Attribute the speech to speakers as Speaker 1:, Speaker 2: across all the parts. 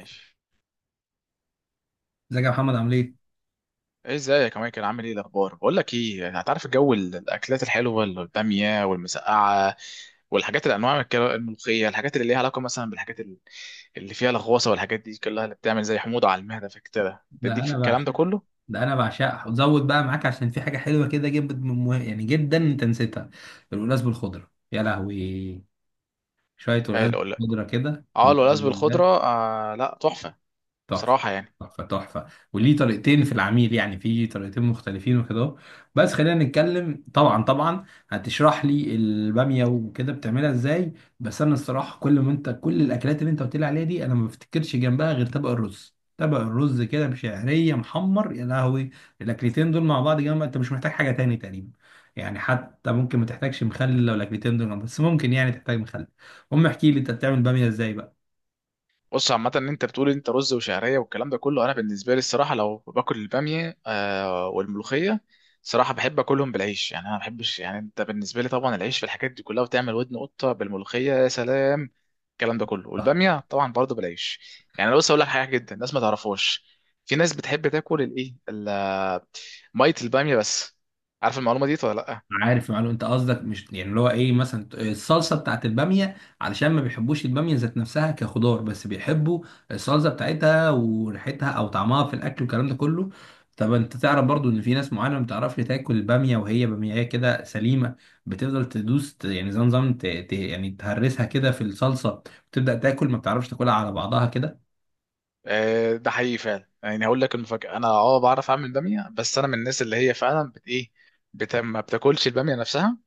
Speaker 1: ماشي.
Speaker 2: ازيك يا محمد عامل ايه؟
Speaker 1: ايه ازيك يا مايكل؟ عامل ايه الاخبار؟ بقول لك ايه، هتعرف الجو، الاكلات الحلوه، الباميه والمسقعه والحاجات، الانواع من الملوخيه، الحاجات اللي ليها علاقه مثلا اللي فيها لغوصه والحاجات دي كلها اللي بتعمل زي حموضه على المعده، فكده
Speaker 2: ده
Speaker 1: تديك في
Speaker 2: انا
Speaker 1: الكلام
Speaker 2: بعشق،
Speaker 1: ده كله.
Speaker 2: ده انا بعشقها وزود بقى معاك عشان في حاجه حلوه كده جدا يعني جدا انت نسيتها. القلقاس بالخضره يا لهوي. شويه قلقاس
Speaker 1: قال لا.
Speaker 2: بالخضره كده.
Speaker 1: اه، الولاذ بالخضره، آه لا تحفه.
Speaker 2: تحفة،
Speaker 1: بصراحه يعني.
Speaker 2: تحفة، تحفة. وليه طريقتين في العميل، يعني في طريقتين مختلفين وكده أهو. بس خلينا نتكلم. طبعا طبعا هتشرح لي البامية وكده بتعملها ازاي. بس انا الصراحة كل ما انت، كل الاكلات اللي انت قلت لي عليها دي انا ما بفتكرش جنبها غير طبق الرز. طبق الرز كده بشعرية محمر يا لهوي. الاكلتين دول مع بعض جنب، انت مش محتاج حاجة تاني تقريبا. يعني حتى ممكن ما تحتاجش مخلل لو الاكلتين دول جنب بس، ممكن يعني تحتاج مخلل. المهم احكي لي انت بتعمل بامية ازاي بقى.
Speaker 1: بص، عامة ان انت بتقول انت رز وشعرية والكلام ده كله، انا بالنسبة لي الصراحة لو باكل البامية، آه، والملوخية، صراحة بحب اكلهم بالعيش. يعني انا ما بحبش، يعني انت بالنسبة لي طبعا العيش في الحاجات دي كلها، وتعمل ودن قطة بالملوخية يا سلام، الكلام ده كله، والبامية طبعا برضه بالعيش. يعني انا بص اقول لك حاجة جدا الناس ما تعرفهاش. في ناس بتحب تاكل مية البامية بس. عارف المعلومة دي ولا لا؟
Speaker 2: عارف، معلوم. انت قصدك مش يعني اللي هو ايه، مثلا الصلصه بتاعت الباميه، علشان ما بيحبوش الباميه ذات نفسها كخضار، بس بيحبوا الصلصه بتاعتها وريحتها او طعمها في الاكل والكلام ده كله. طب انت تعرف برضو ان في ناس معينه ما بتعرفش تاكل الباميه وهي باميه كده سليمه؟ بتفضل تدوس، يعني زي نظام يعني تهرسها كده في الصلصه وتبدا تاكل، ما بتعرفش تاكلها على بعضها كده.
Speaker 1: آه، ده حقيقي فعلا. يعني هقول لك المفاجأة، انا اه بعرف اعمل بامية، بس انا من الناس اللي هي فعلا ما بتاكلش البامية نفسها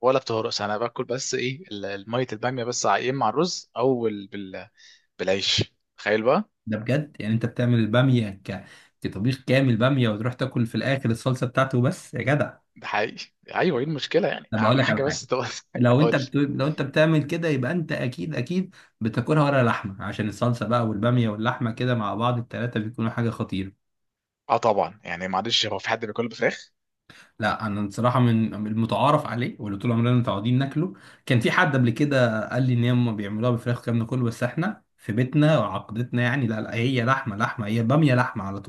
Speaker 1: ولا بتهرسها. انا باكل بس ايه المية البامية بس، يا اما مع الرز او بالعيش، تخيل بقى.
Speaker 2: ده بجد؟ يعني انت بتعمل الباميه كطبيخ كامل باميه وتروح تاكل في الاخر الصلصه بتاعته بس يا جدع؟
Speaker 1: ده حقيقي. ايوه، ايه المشكلة؟ يعني
Speaker 2: انا بقول
Speaker 1: اهم
Speaker 2: لك على
Speaker 1: حاجة
Speaker 2: حاجه.
Speaker 1: بس تبقى. قول.
Speaker 2: لو انت بتعمل كده يبقى انت اكيد بتاكلها ورا لحمه، عشان الصلصه بقى والباميه واللحمه كده مع بعض التلاته بيكونوا حاجه خطيره.
Speaker 1: اه طبعا. يعني معلش، هو في حد بياكل بفراخ؟
Speaker 2: لا انا بصراحه من المتعارف عليه واللي طول عمرنا متعودين ناكله. كان في حد قبل كده قال لي ان هم بيعملوها بفراخ والكلام ده كله، بس احنا في بيتنا وعقدتنا يعني لا لا، هي لحمه لحمه، هي باميه لحمه على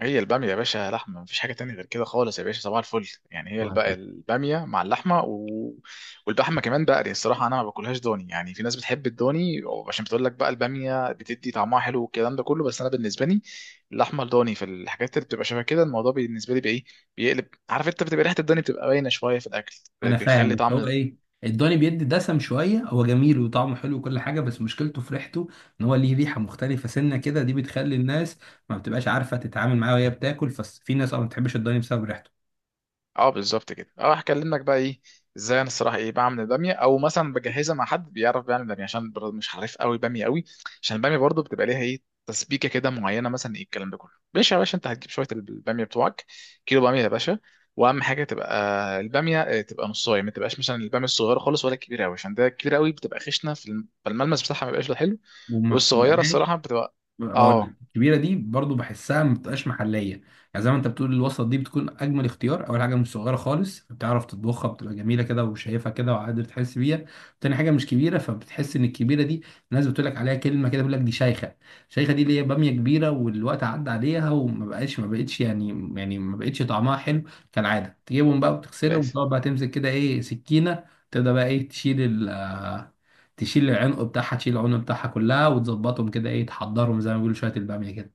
Speaker 1: هي الباميه يا باشا لحمه، مفيش حاجه تانية غير كده خالص يا باشا، صباح الفل. يعني هي
Speaker 2: طول.
Speaker 1: الباميه مع اللحمه و... واللحمه كمان بقري الصراحه، انا ما باكلهاش ضاني. يعني في ناس بتحب الضاني، عشان بتقول لك بقى الباميه بتدي طعمها حلو والكلام ده كله، بس انا بالنسبه لي اللحمه الضاني في الحاجات اللي بتبقى شبه كده، الموضوع بالنسبه لي بايه بيقلب. عارف انت، بتبقى ريحه الضاني بتبقى باينه شويه في الاكل،
Speaker 2: انا فاهم،
Speaker 1: بيخلي
Speaker 2: بس هو
Speaker 1: طعم.
Speaker 2: ايه، الضاني بيدي دسم شويه، هو جميل وطعمه حلو وكل حاجه، بس مشكلته في ريحته. ان هو ليه ريحه مختلفه سنه كده، دي بتخلي الناس ما بتبقاش عارفه تتعامل معاه وهي بتاكل، ففي ناس اه ما بتحبش الضاني بسبب ريحته
Speaker 1: اه بالظبط كده. اه هكلمك بقى ايه ازاي انا الصراحه ايه بعمل الباميه، او مثلا بجهزها مع حد بيعرف بيعمل باميه، عشان برضه مش عارف قوي باميه قوي. عشان الباميه برضه بتبقى ليها ايه، تسبيكه كده معينه، مثلا ايه الكلام ده كله. ماشي يا باشا، انت هتجيب شويه الباميه بتوعك، كيلو باميه يا باشا، واهم حاجه تبقى الباميه آه، تبقى نصايه. ما تبقاش مثلا الباميه الصغيره خالص ولا الكبيره قوي، عشان ده الكبيره قوي بتبقى خشنه فالملمس بتاعها ما بيبقاش حلو.
Speaker 2: وما
Speaker 1: والصغيره
Speaker 2: بتبقاش.
Speaker 1: الصراحه بتبقى.
Speaker 2: اقول لك
Speaker 1: اه
Speaker 2: الكبيره دي برضو بحسها ما بتبقاش محليه يعني. زي ما انت بتقول الوسط دي بتكون اجمل اختيار. اول حاجه مش صغيره خالص، بتعرف تطبخها بتبقى جميله كده وشايفها كده وقادر تحس بيها. تاني حاجه مش كبيره، فبتحس ان الكبيره دي، الناس بتقول لك عليها كلمه كده، بيقول لك دي شيخه. شيخه دي اللي هي باميه كبيره والوقت عدى عليها وما بقاش، ما بقتش يعني، يعني ما بقتش طعمها حلو. كالعاده تجيبهم بقى وتغسلهم، وتقعد بقى تمسك كده ايه سكينه. تبدا بقى ايه، ال تشيل العنق بتاعها. تشيل العنق بتاعها كلها وتظبطهم كده ايه، تحضرهم زي ما بيقولوا شويه الباميه كده.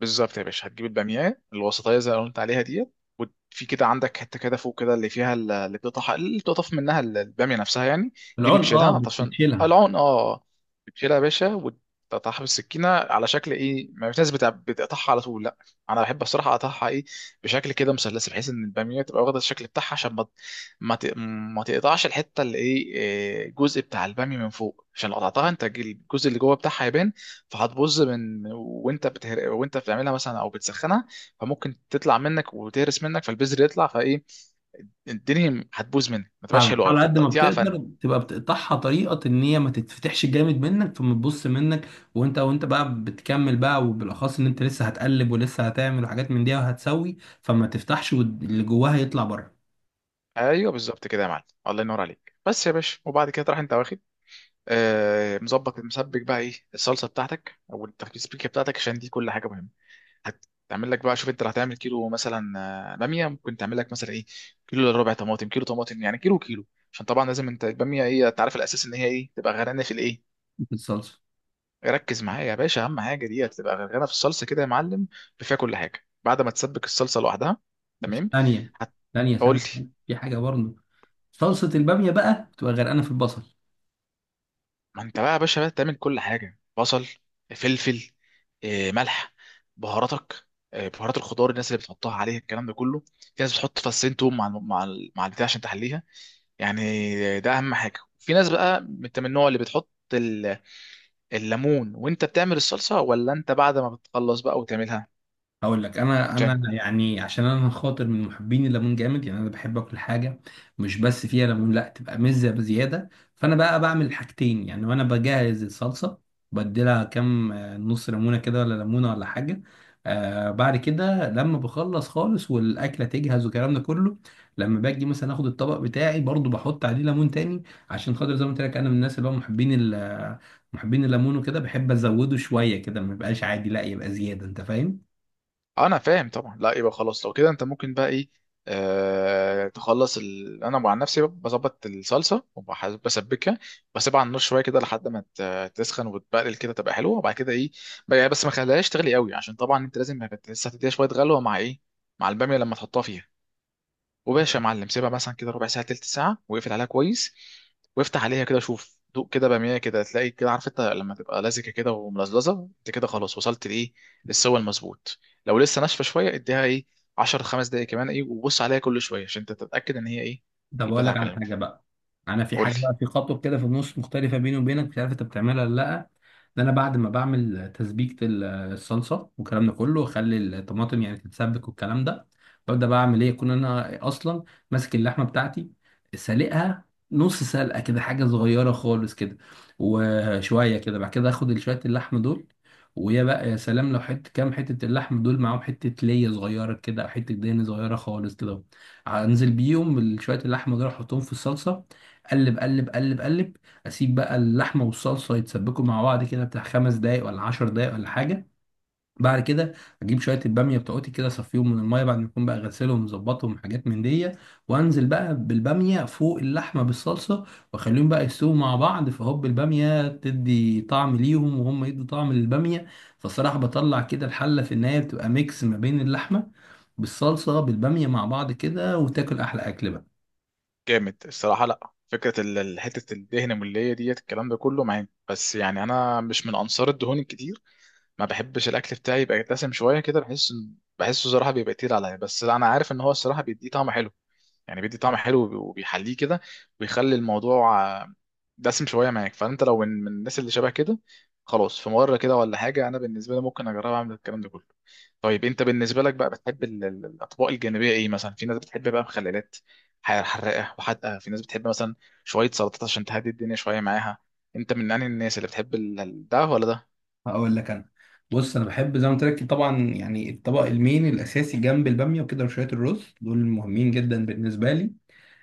Speaker 1: بالظبط يا باشا، هتجيب الباميه الوسطيه زي اللي قلت عليها ديت، وفي كده عندك حته كده فوق كده اللي فيها اللي بتقطع، اللي بتقطف منها الباميه نفسها يعني. دي
Speaker 2: العنق اه
Speaker 1: بتشيلها عشان
Speaker 2: بتشيلها.
Speaker 1: العون، اه بتشيلها يا باشا، وتقطعها بالسكينه على شكل ايه. ما في ناس بتقطعها على طول، لا، انا بحب الصراحه اقطعها ايه، بشكل كده مثلث، بحيث ان الباميه تبقى واخده الشكل بتاعها، عشان ما ما ت- ما تقطعش الحته اللي ايه إيه، الجزء بتاع الباميه من فوق، عشان لو قطعتها انت الجزء اللي جوه بتاعها يبان، فهتبوظ من وانت بتهر... وانت بتعملها مثلا او بتسخنها، فممكن تطلع منك وتهرس منك، فالبذر يطلع، فايه الدنيا هتبوظ منك، ما تبقاش
Speaker 2: فاهم،
Speaker 1: حلوه قوي،
Speaker 2: على قد ما
Speaker 1: فالتقطيع
Speaker 2: بتقدر
Speaker 1: فن.
Speaker 2: تبقى بتقطعها طريقه ان هي ما تتفتحش جامد منك فما تبص منك، وانت بقى بتكمل بقى، وبالاخص ان انت لسه هتقلب ولسه هتعمل حاجات من دي وهتسوي، فما تفتحش واللي جواها يطلع بره
Speaker 1: ايوه بالظبط كده يا معلم، الله ينور عليك. بس يا باشا وبعد كده تروح انت واخد آه، مظبط مسبك بقى ايه الصلصه بتاعتك او التسبيكه بتاعتك، عشان دي كل حاجه مهمه. هتعمل لك بقى، شوف انت اللي هتعمل كيلو مثلا آه، باميه، ممكن تعمل لك مثلا ايه، كيلو الا ربع طماطم، كيلو طماطم، يعني كيلو كيلو، عشان طبعا لازم انت الباميه ايه، انت عارف الاساس ان هي ايه، تبقى غرقانه في الايه.
Speaker 2: في الصلصه.
Speaker 1: ركز معايا يا باشا، اهم حاجه دي، هتبقى غرقانه في الصلصه كده يا معلم، بفيها كل حاجه، بعد ما تسبك الصلصه لوحدها.
Speaker 2: بس
Speaker 1: تمام.
Speaker 2: ثانيه، ثانيه
Speaker 1: هتقول
Speaker 2: ثانيه
Speaker 1: لي.
Speaker 2: ثانية. في حاجه برضه، صلصه الباميه بقى بتبقى غرقانه في البصل.
Speaker 1: ما انت بقى يا باشا بقى تعمل كل حاجه، بصل، فلفل آه، ملح، بهاراتك آه، بهارات الخضار، الناس اللي بتحطها عليها الكلام ده كله. في ناس بتحط فصين توم مع مع البتاع عشان تحليها يعني، ده اهم حاجه. في ناس بقى انت من النوع اللي بتحط الليمون وانت بتعمل الصلصه، ولا انت بعد ما بتخلص بقى وتعملها؟
Speaker 2: هقول لك. انا يعني عشان انا خاطر من محبين الليمون جامد، يعني انا بحب اكل حاجه مش بس فيها ليمون، لا تبقى مزه بزياده. فانا بقى بعمل حاجتين، يعني وانا بجهز الصلصه بديلها كام، آه، نص ليمونه كده ولا ليمونه ولا حاجه. آه بعد كده لما بخلص خالص والاكله تجهز والكلام ده كله، لما باجي مثلا اخد الطبق بتاعي برضو بحط عليه ليمون تاني، عشان خاطر زي ما قلت لك انا من الناس اللي هم محبين الليمون، وكده بحب ازوده شويه كده ما يبقاش عادي، لا يبقى زياده انت فاهم.
Speaker 1: آه، انا فاهم طبعا. لا يبقى خلاص، لو كده انت ممكن بقى ايه آه، انا مع نفسي بظبط الصلصه وبسبكها، بسيبها على النار شويه كده لحد ما تسخن وتبقلل كده، تبقى حلوه، وبعد كده ايه بقى، بس ما خليهاش تغلي قوي، عشان طبعا انت لازم لسه هتديها شويه غلوه مع ايه، مع الباميه لما تحطها فيها. وباشا يا معلم، سيبها مثلا كده ربع ساعه، تلت ساعه، واقفل عليها كويس، وافتح عليها كده، شوف دوق كده باميه كده، تلاقي كده، عارف انت لما تبقى لزجه كده وملزلزه، انت كده خلاص وصلت لايه، للسوى المظبوط. لو لسه ناشفه شويه، اديها ايه 10 5 دقايق كمان ايه، وبص عليها كل شويه عشان انت تتاكد ان هي ايه
Speaker 2: طب اقول
Speaker 1: البتاع
Speaker 2: لك على
Speaker 1: كلام.
Speaker 2: حاجه بقى. انا في
Speaker 1: قول
Speaker 2: حاجه
Speaker 1: لي.
Speaker 2: بقى، في خطوه كده في النص مختلفه بيني وبينك، مش عارف انت بتعملها ولا لا. ده انا بعد ما بعمل تسبيكه الصلصه والكلام ده كله واخلي الطماطم يعني تتسبك والكلام ده، ببدا بقى اعمل ايه، اكون انا اصلا ماسك اللحمه بتاعتي، سالقها نص سلقه كده حاجه صغيره خالص كده، وشويه كده بعد كده اخد شويه اللحم دول. ويا بقى يا سلام لو حته، كام حته اللحم دول معاهم حته ليه صغيره كده او حته دهن صغيره خالص كده، انزل بيهم شويه اللحمه دول احطهم في الصلصه. قلب قلب. اسيب بقى اللحمه والصلصه يتسبكوا مع بعض كده بتاع خمس دقايق ولا عشر دقايق ولا حاجه. بعد كده اجيب شويه الباميه بتوعتي كده، اصفيهم من الميه بعد ما اكون بقى غسلهم مظبطهم حاجات من دي، وانزل بقى بالباميه فوق اللحمه بالصلصه، واخليهم بقى يستووا مع بعض، فهوب الباميه تدي طعم ليهم وهم يدوا طعم للباميه. فالصراحه بطلع كده الحله في النهايه بتبقى ميكس ما بين اللحمه بالصلصه بالباميه مع بعض كده، وتاكل احلى اكل بقى.
Speaker 1: جامد الصراحه. لا فكره حته الدهن المليه ديت الكلام ده كله معايا، بس يعني انا مش من انصار الدهون الكتير. ما بحبش الاكل بتاعي يبقى دسم شويه كده، بحسه صراحه بيبقى تقيل عليا، بس انا عارف ان هو الصراحه بيديه طعم حلو، يعني بيدي طعم حلو وبيحليه كده، وبيخلي الموضوع آه، دسم شويه معاك. فانت لو من الناس اللي شبه كده خلاص، في مره كده ولا حاجه انا بالنسبه لي ممكن اجرب اعمل الكلام ده كله. طيب انت بالنسبه لك بقى بتحب الاطباق الجانبيه ايه مثلا؟ في ناس بتحب بقى مخللات، حراقه وحادقه، في ناس بتحب مثلا شويه سلطات عشان تهدي الدنيا شويه معاها. انت من انهي الناس، اللي بتحب ده ولا ده؟
Speaker 2: هقول لك. انا بص انا بحب زي ما قلت لك طبعا، يعني الطبق المين الاساسي جنب الباميه وكده وشويه الرز دول مهمين جدا بالنسبه لي.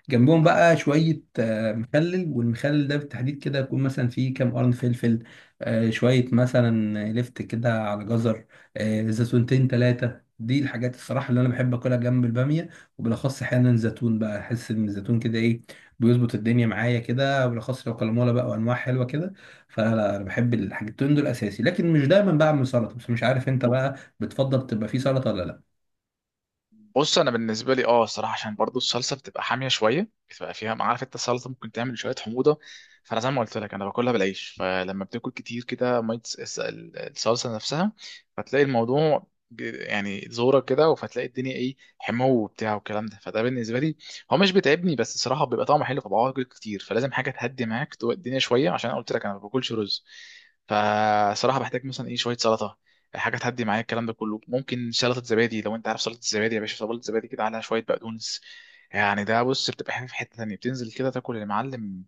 Speaker 2: جنبهم بقى شوية آه، مخلل. والمخلل ده بالتحديد كده يكون مثلا فيه كام قرن فلفل، آه، شوية مثلا لفت كده على جزر، آه، زيتونتين تلاتة. دي الحاجات الصراحة اللي أنا بحب أكلها جنب البامية. وبالأخص أحيانا زيتون بقى، أحس إن الزيتون كده إيه، بيظبط الدنيا معايا كده، وبالأخص لو كلمولا بقى وأنواع حلوة كده. فلا أنا بحب الحاجتين دول أساسي، لكن مش دايما بعمل سلطة. بس مش عارف أنت بقى بتفضل تبقى فيه سلطة ولا لأ.
Speaker 1: بص انا بالنسبه لي اه الصراحه، عشان برضو الصلصه بتبقى حاميه شويه، بتبقى فيها ما عارف انت، السلطه ممكن تعمل شويه حموضه، فانا زي ما قلت لك انا باكلها بالعيش، فلما بتاكل كتير كده ميه الصلصه نفسها، فتلاقي الموضوع يعني زورة كده، فتلاقي الدنيا ايه، حمو وبتاع والكلام ده، فده بالنسبه لي هو مش بيتعبني، بس الصراحه بيبقى طعمه حلو فبقعد اكل كتير، فلازم حاجه تهدي معاك الدنيا شويه، عشان أنا قلت لك انا ما باكلش رز، فصراحه بحتاج مثلا ايه شويه سلطه، حاجه تهدي معايا الكلام ده كله. ممكن سلطه زبادي لو انت عارف سلطه الزبادي يا باشا، سلطه زبادي كده عليها شويه بقدونس، يعني ده بص بتبقى حاجه في حته تانيه، بتنزل كده تاكل المعلم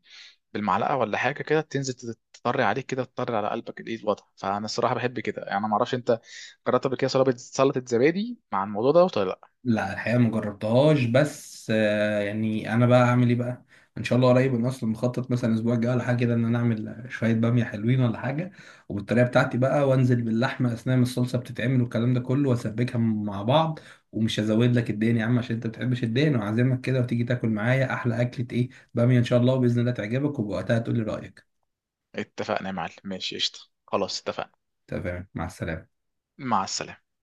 Speaker 1: بالمعلقه ولا حاجه كده، تنزل تطري عليك كده، تطري على قلبك ايه الوضع. فانا الصراحه بحب كده يعني. ما اعرفش انت جربت قبل كده سلطه زبادي مع الموضوع ده ولا لا؟
Speaker 2: لا الحقيقة ما جربتهاش، بس آه، يعني انا بقى اعمل ايه بقى. ان شاء الله قريب، انا اصلا مخطط مثلا الاسبوع الجاي ولا حاجه كده ان انا اعمل شويه باميه حلوين ولا حاجه، وبالطريقه بتاعتي بقى، وانزل باللحمه اثناء ما الصلصه بتتعمل والكلام ده كله واسبكها مع بعض. ومش هزود لك الدهن يا عم عشان انت ما بتحبش الدهن، وعازمك كده وتيجي تاكل معايا احلى اكله ايه، باميه ان شاء الله، وباذن الله تعجبك وبوقتها تقول لي رايك.
Speaker 1: اتفقنا يا معلم، ماشي قشطه، خلاص اتفقنا.
Speaker 2: تمام، مع السلامه.
Speaker 1: مع السلامه.